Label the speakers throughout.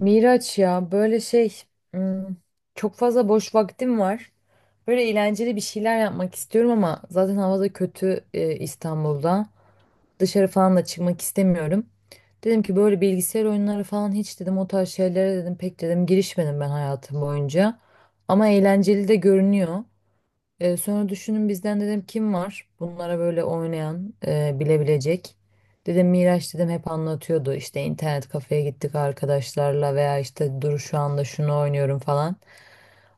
Speaker 1: Miraç ya böyle şey, hmm, çok fazla boş vaktim var. Böyle eğlenceli bir şeyler yapmak istiyorum ama zaten havada kötü İstanbul'da. Dışarı falan da çıkmak istemiyorum. Dedim ki böyle bilgisayar oyunları falan hiç dedim o tarz şeylere dedim pek dedim girişmedim ben hayatım boyunca. Ama eğlenceli de görünüyor. Sonra düşünün bizden dedim kim var bunlara böyle oynayan bilebilecek. Dedim Miraç dedim hep anlatıyordu işte internet kafeye gittik arkadaşlarla veya işte dur şu anda şunu oynuyorum falan.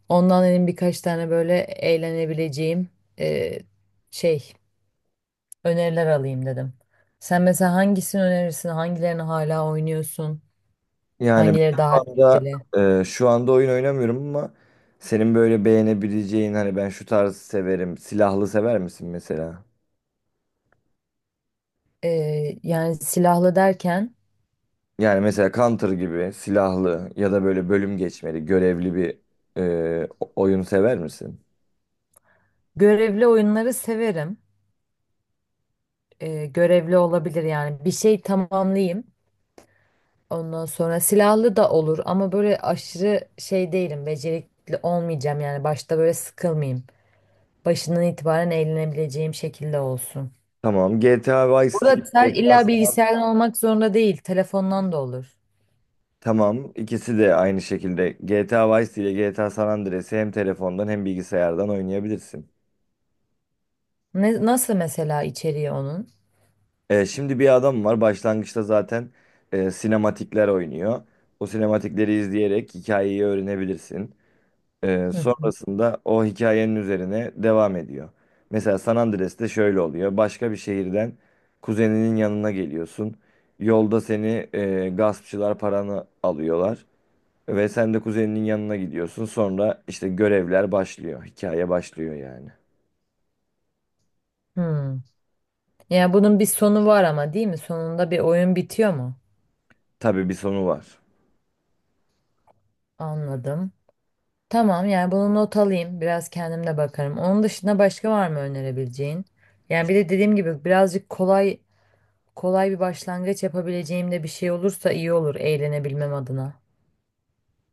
Speaker 1: Ondan dedim birkaç tane böyle eğlenebileceğim e, şey öneriler alayım dedim. Sen mesela hangisini önerirsin? Hangilerini hala oynuyorsun?
Speaker 2: Yani ben
Speaker 1: Hangileri daha
Speaker 2: şu anda
Speaker 1: etkili?
Speaker 2: şu anda oyun oynamıyorum ama senin böyle beğenebileceğin hani ben şu tarzı severim. Silahlı sever misin mesela?
Speaker 1: Yani silahlı derken
Speaker 2: Yani mesela Counter gibi silahlı ya da böyle bölüm geçmeli, görevli bir oyun sever misin?
Speaker 1: görevli oyunları severim. Görevli olabilir yani bir şey tamamlayayım, ondan sonra silahlı da olur ama böyle aşırı şey değilim, becerikli olmayacağım yani başta böyle sıkılmayayım, başından itibaren eğlenebileceğim şekilde olsun.
Speaker 2: Tamam. GTA Vice City,
Speaker 1: Burada illa
Speaker 2: GTA.
Speaker 1: bilgisayardan olmak zorunda değil, telefondan da olur.
Speaker 2: Tamam. ikisi de aynı şekilde. GTA Vice City ile GTA San Andreas'ı hem telefondan hem bilgisayardan oynayabilirsin.
Speaker 1: Ne, nasıl mesela içeriği onun?
Speaker 2: Şimdi bir adam var başlangıçta zaten sinematikler oynuyor. O sinematikleri izleyerek hikayeyi öğrenebilirsin.
Speaker 1: Hı hı.
Speaker 2: Sonrasında o hikayenin üzerine devam ediyor. Mesela San Andreas'te şöyle oluyor. Başka bir şehirden kuzeninin yanına geliyorsun. Yolda seni gaspçılar paranı alıyorlar. Ve sen de kuzeninin yanına gidiyorsun. Sonra işte görevler başlıyor. Hikaye başlıyor yani.
Speaker 1: Hmm. Yani bunun bir sonu var ama, değil mi? Sonunda bir oyun bitiyor mu?
Speaker 2: Tabii bir sonu var.
Speaker 1: Anladım. Tamam, yani bunu not alayım. Biraz kendim de bakarım. Onun dışında başka var mı önerebileceğin? Yani bir de dediğim gibi birazcık kolay kolay bir başlangıç yapabileceğim de bir şey olursa iyi olur eğlenebilmem adına.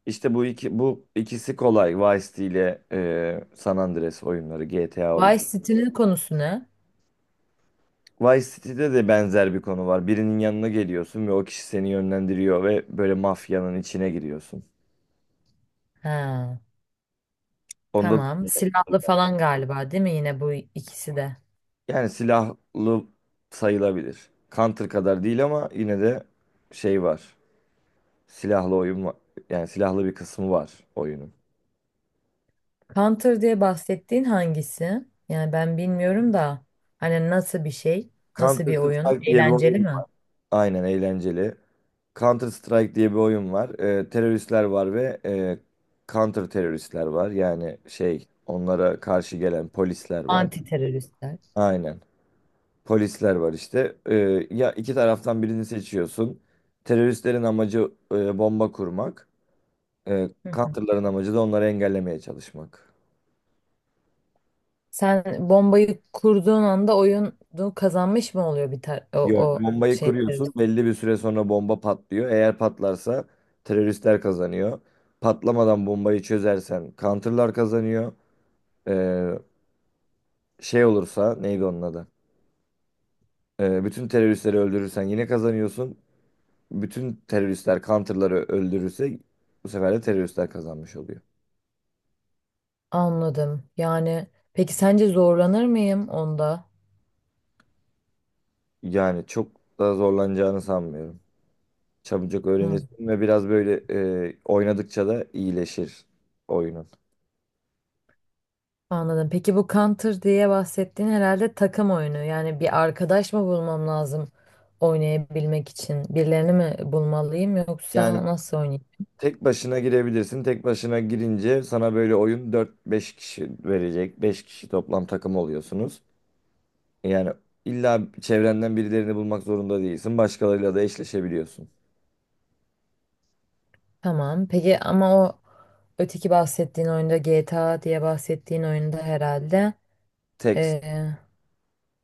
Speaker 2: İşte bu ikisi kolay. Vice City ile San Andreas oyunları, GTA oyunu.
Speaker 1: Vice City'nin konusu ne?
Speaker 2: Vice City'de de benzer bir konu var. Birinin yanına geliyorsun ve o kişi seni yönlendiriyor ve böyle mafyanın içine giriyorsun.
Speaker 1: Ha,
Speaker 2: Onda da
Speaker 1: tamam. Silahlı falan galiba, değil mi yine bu ikisi de?
Speaker 2: yani silahlı sayılabilir. Counter kadar değil ama yine de şey var. Silahlı oyun var. Yani silahlı bir kısmı var oyunun.
Speaker 1: Counter diye bahsettiğin hangisi? Yani ben bilmiyorum da hani nasıl bir şey? Nasıl
Speaker 2: Counter
Speaker 1: bir oyun?
Speaker 2: Strike diye bir
Speaker 1: Eğlenceli
Speaker 2: oyun.
Speaker 1: mi?
Speaker 2: Aynen, eğlenceli. Counter Strike diye bir oyun var. Teröristler var ve counter teröristler var. Yani şey onlara karşı gelen polisler var.
Speaker 1: Anti teröristler.
Speaker 2: Aynen. Polisler var işte. Ya iki taraftan birini seçiyorsun. Teröristlerin amacı bomba kurmak. Counter'ların amacı da onları engellemeye çalışmak.
Speaker 1: Sen bombayı kurduğun anda oyunu kazanmış mı oluyor bir tar o,
Speaker 2: Yok,
Speaker 1: o
Speaker 2: bombayı
Speaker 1: şey
Speaker 2: kuruyorsun.
Speaker 1: servis?
Speaker 2: Belli bir süre sonra bomba patlıyor. Eğer patlarsa teröristler kazanıyor. Patlamadan bombayı çözersen counter'lar kazanıyor. Ee, Şey olursa neydi onun adı? Bütün teröristleri öldürürsen yine kazanıyorsun. Bütün teröristler counter'ları öldürürse bu sefer de teröristler kazanmış oluyor.
Speaker 1: Anladım. Yani peki sence zorlanır mıyım onda?
Speaker 2: Yani çok da zorlanacağını sanmıyorum. Çabucak
Speaker 1: Hı,
Speaker 2: öğrenirsin ve biraz böyle oynadıkça da iyileşir oyunun.
Speaker 1: anladım. Peki bu Counter diye bahsettiğin herhalde takım oyunu. Yani bir arkadaş mı bulmam lazım oynayabilmek için? Birilerini mi bulmalıyım
Speaker 2: Yani
Speaker 1: yoksa nasıl oynayayım?
Speaker 2: tek başına girebilirsin. Tek başına girince sana böyle oyun dört beş kişi verecek. Beş kişi toplam takım oluyorsunuz. Yani illa çevrenden birilerini bulmak zorunda değilsin. Başkalarıyla da eşleşebiliyorsun.
Speaker 1: Tamam. Peki ama o öteki bahsettiğin oyunda, GTA diye bahsettiğin oyunda herhalde
Speaker 2: Tek
Speaker 1: ee,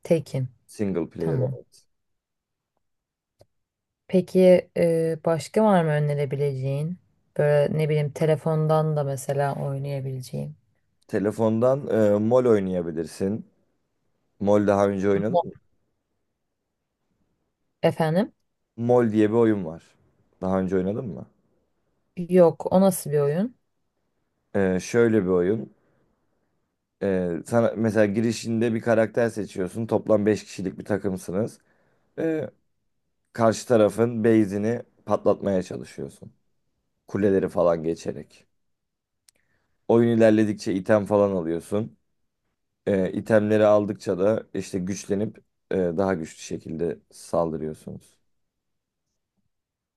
Speaker 1: tekim.
Speaker 2: single player.
Speaker 1: Tamam.
Speaker 2: Evet.
Speaker 1: Peki, başka var mı önerebileceğin? Böyle ne bileyim telefondan da mesela oynayabileceğim.
Speaker 2: Telefondan MOL oynayabilirsin. MOL daha önce oynadın
Speaker 1: Ama-
Speaker 2: mı?
Speaker 1: Efendim?
Speaker 2: MOL diye bir oyun var. Daha önce oynadın mı?
Speaker 1: Yok, o nasıl bir oyun?
Speaker 2: Şöyle bir oyun. Sana mesela girişinde bir karakter seçiyorsun. Toplam 5 kişilik bir takımsınız. E, Karşı tarafın base'ini patlatmaya çalışıyorsun. Kuleleri falan geçerek. Oyun ilerledikçe item falan alıyorsun. İtemleri aldıkça da işte güçlenip daha güçlü şekilde saldırıyorsunuz.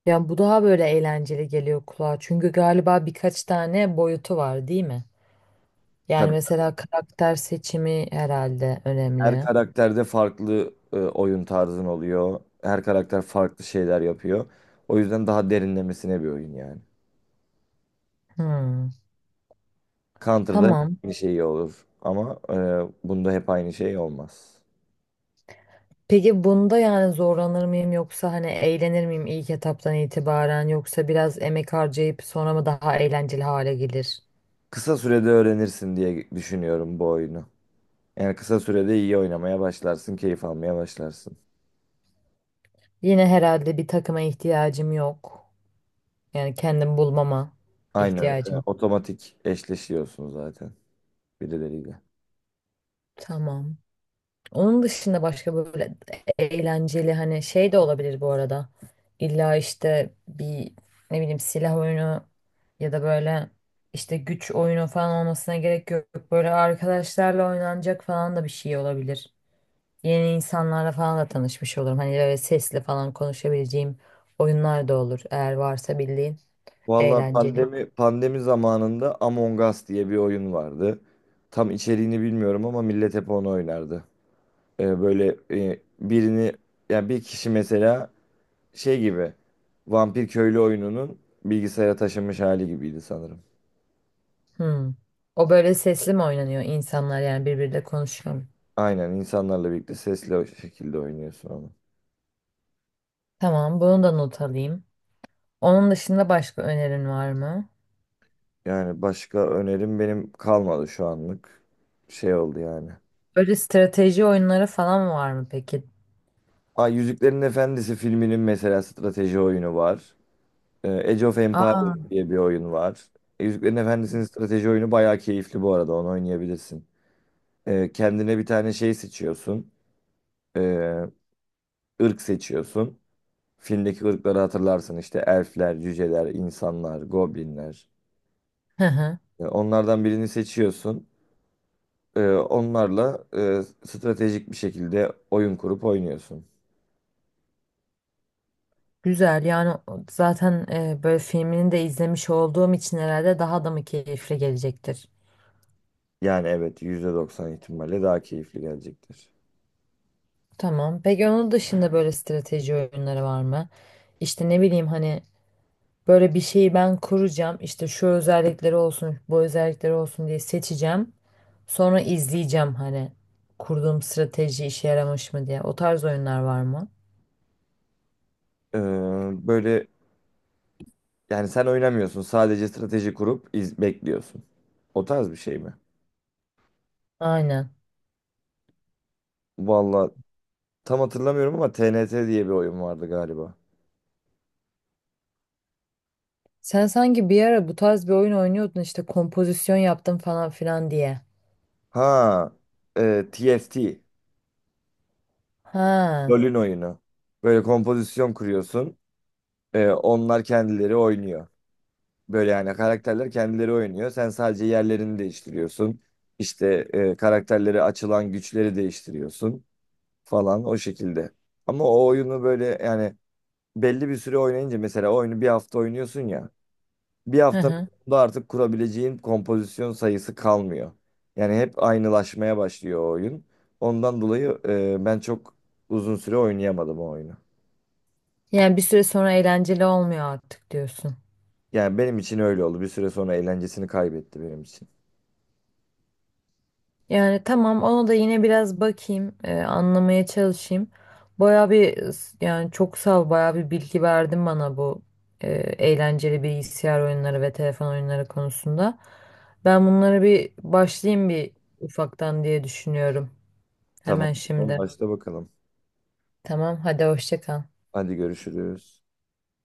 Speaker 1: Ya bu daha böyle eğlenceli geliyor kulağa. Çünkü galiba birkaç tane boyutu var, değil mi? Yani
Speaker 2: Tabii
Speaker 1: mesela karakter seçimi herhalde
Speaker 2: her
Speaker 1: önemli.
Speaker 2: karakterde farklı oyun tarzın oluyor. Her karakter farklı şeyler yapıyor. O yüzden daha derinlemesine bir oyun yani.
Speaker 1: Hmm,
Speaker 2: Counter'da hep
Speaker 1: tamam.
Speaker 2: aynı şey olur ama bunda hep aynı şey olmaz.
Speaker 1: Peki bunda yani zorlanır mıyım yoksa hani eğlenir miyim ilk etaptan itibaren, yoksa biraz emek harcayıp sonra mı daha eğlenceli hale gelir?
Speaker 2: Kısa sürede öğrenirsin diye düşünüyorum bu oyunu. Yani kısa sürede iyi oynamaya başlarsın, keyif almaya başlarsın.
Speaker 1: Yine herhalde bir takıma ihtiyacım yok. Yani kendim bulmama
Speaker 2: Aynen,
Speaker 1: ihtiyacım.
Speaker 2: otomatik eşleşiyorsun zaten birileriyle.
Speaker 1: Tamam. Onun dışında başka böyle eğlenceli hani şey de olabilir bu arada. İlla işte bir ne bileyim silah oyunu ya da böyle işte güç oyunu falan olmasına gerek yok. Böyle arkadaşlarla oynanacak falan da bir şey olabilir. Yeni insanlarla falan da tanışmış olurum. Hani böyle sesli falan konuşabileceğim oyunlar da olur, eğer varsa bildiğin
Speaker 2: Valla
Speaker 1: eğlenceli.
Speaker 2: pandemi zamanında Among Us diye bir oyun vardı. Tam içeriğini bilmiyorum ama millet hep onu oynardı. Böyle birini yani bir kişi mesela şey gibi vampir köylü oyununun bilgisayara taşınmış hali gibiydi sanırım.
Speaker 1: Hmm. O böyle sesli mi oynanıyor, insanlar yani birbiriyle konuşuyor mu?
Speaker 2: Aynen insanlarla birlikte sesli o şekilde oynuyorsun onu.
Speaker 1: Tamam, bunu da not alayım. Onun dışında başka önerin var mı?
Speaker 2: Yani başka önerim benim kalmadı şu anlık. Şey oldu yani.
Speaker 1: Böyle strateji oyunları falan var mı peki?
Speaker 2: Aa, Yüzüklerin Efendisi filminin mesela strateji oyunu var. Age of
Speaker 1: Aa,
Speaker 2: Empires diye bir oyun var. Yüzüklerin Efendisi'nin strateji oyunu bayağı keyifli bu arada. Onu oynayabilirsin. Kendine bir tane şey seçiyorsun. Ee, ırk seçiyorsun. Filmdeki ırkları hatırlarsın. İşte elfler, cüceler, insanlar, goblinler.
Speaker 1: hı hı.
Speaker 2: Onlardan birini seçiyorsun. Onlarla stratejik bir şekilde oyun kurup oynuyorsun.
Speaker 1: Güzel, yani zaten böyle filmini de izlemiş olduğum için herhalde daha da mı keyifli gelecektir?
Speaker 2: Yani evet %90 ihtimalle daha keyifli gelecektir.
Speaker 1: Tamam. Peki onun dışında böyle strateji oyunları var mı? İşte ne bileyim hani, böyle bir şeyi ben kuracağım. İşte şu özellikleri olsun, bu özellikleri olsun diye seçeceğim. Sonra izleyeceğim hani kurduğum strateji işe yaramış mı diye. O tarz oyunlar var mı?
Speaker 2: Ee, böyle Yani sen oynamıyorsun. Sadece strateji kurup iz bekliyorsun. O tarz bir şey mi?
Speaker 1: Aynen.
Speaker 2: Valla tam hatırlamıyorum ama TNT diye bir oyun vardı galiba.
Speaker 1: Sen sanki bir ara bu tarz bir oyun oynuyordun işte kompozisyon yaptım falan filan diye.
Speaker 2: Ha, TFT.
Speaker 1: Ha.
Speaker 2: LoL'ün oyunu. Böyle kompozisyon kuruyorsun. Onlar kendileri oynuyor. Böyle yani karakterler kendileri oynuyor. Sen sadece yerlerini değiştiriyorsun. İşte karakterleri açılan güçleri değiştiriyorsun falan o şekilde. Ama o oyunu böyle yani belli bir süre oynayınca mesela oyunu bir hafta oynuyorsun ya. Bir
Speaker 1: Hı
Speaker 2: haftanın
Speaker 1: hı.
Speaker 2: sonunda artık kurabileceğin kompozisyon sayısı kalmıyor. Yani hep aynılaşmaya başlıyor o oyun. Ondan dolayı ben çok uzun süre oynayamadım o oyunu.
Speaker 1: Yani bir süre sonra eğlenceli olmuyor artık diyorsun.
Speaker 2: Yani benim için öyle oldu. Bir süre sonra eğlencesini kaybetti benim için.
Speaker 1: Yani tamam, ona da yine biraz bakayım, anlamaya çalışayım. Baya bir yani çok sağ ol, baya bir bilgi verdin bana bu eğlenceli bilgisayar oyunları ve telefon oyunları konusunda. Ben bunlara bir başlayayım bir ufaktan diye düşünüyorum.
Speaker 2: Tamam.
Speaker 1: Hemen
Speaker 2: Tamam,
Speaker 1: şimdi.
Speaker 2: başla bakalım.
Speaker 1: Tamam, hadi hoşça kal.
Speaker 2: Hadi görüşürüz.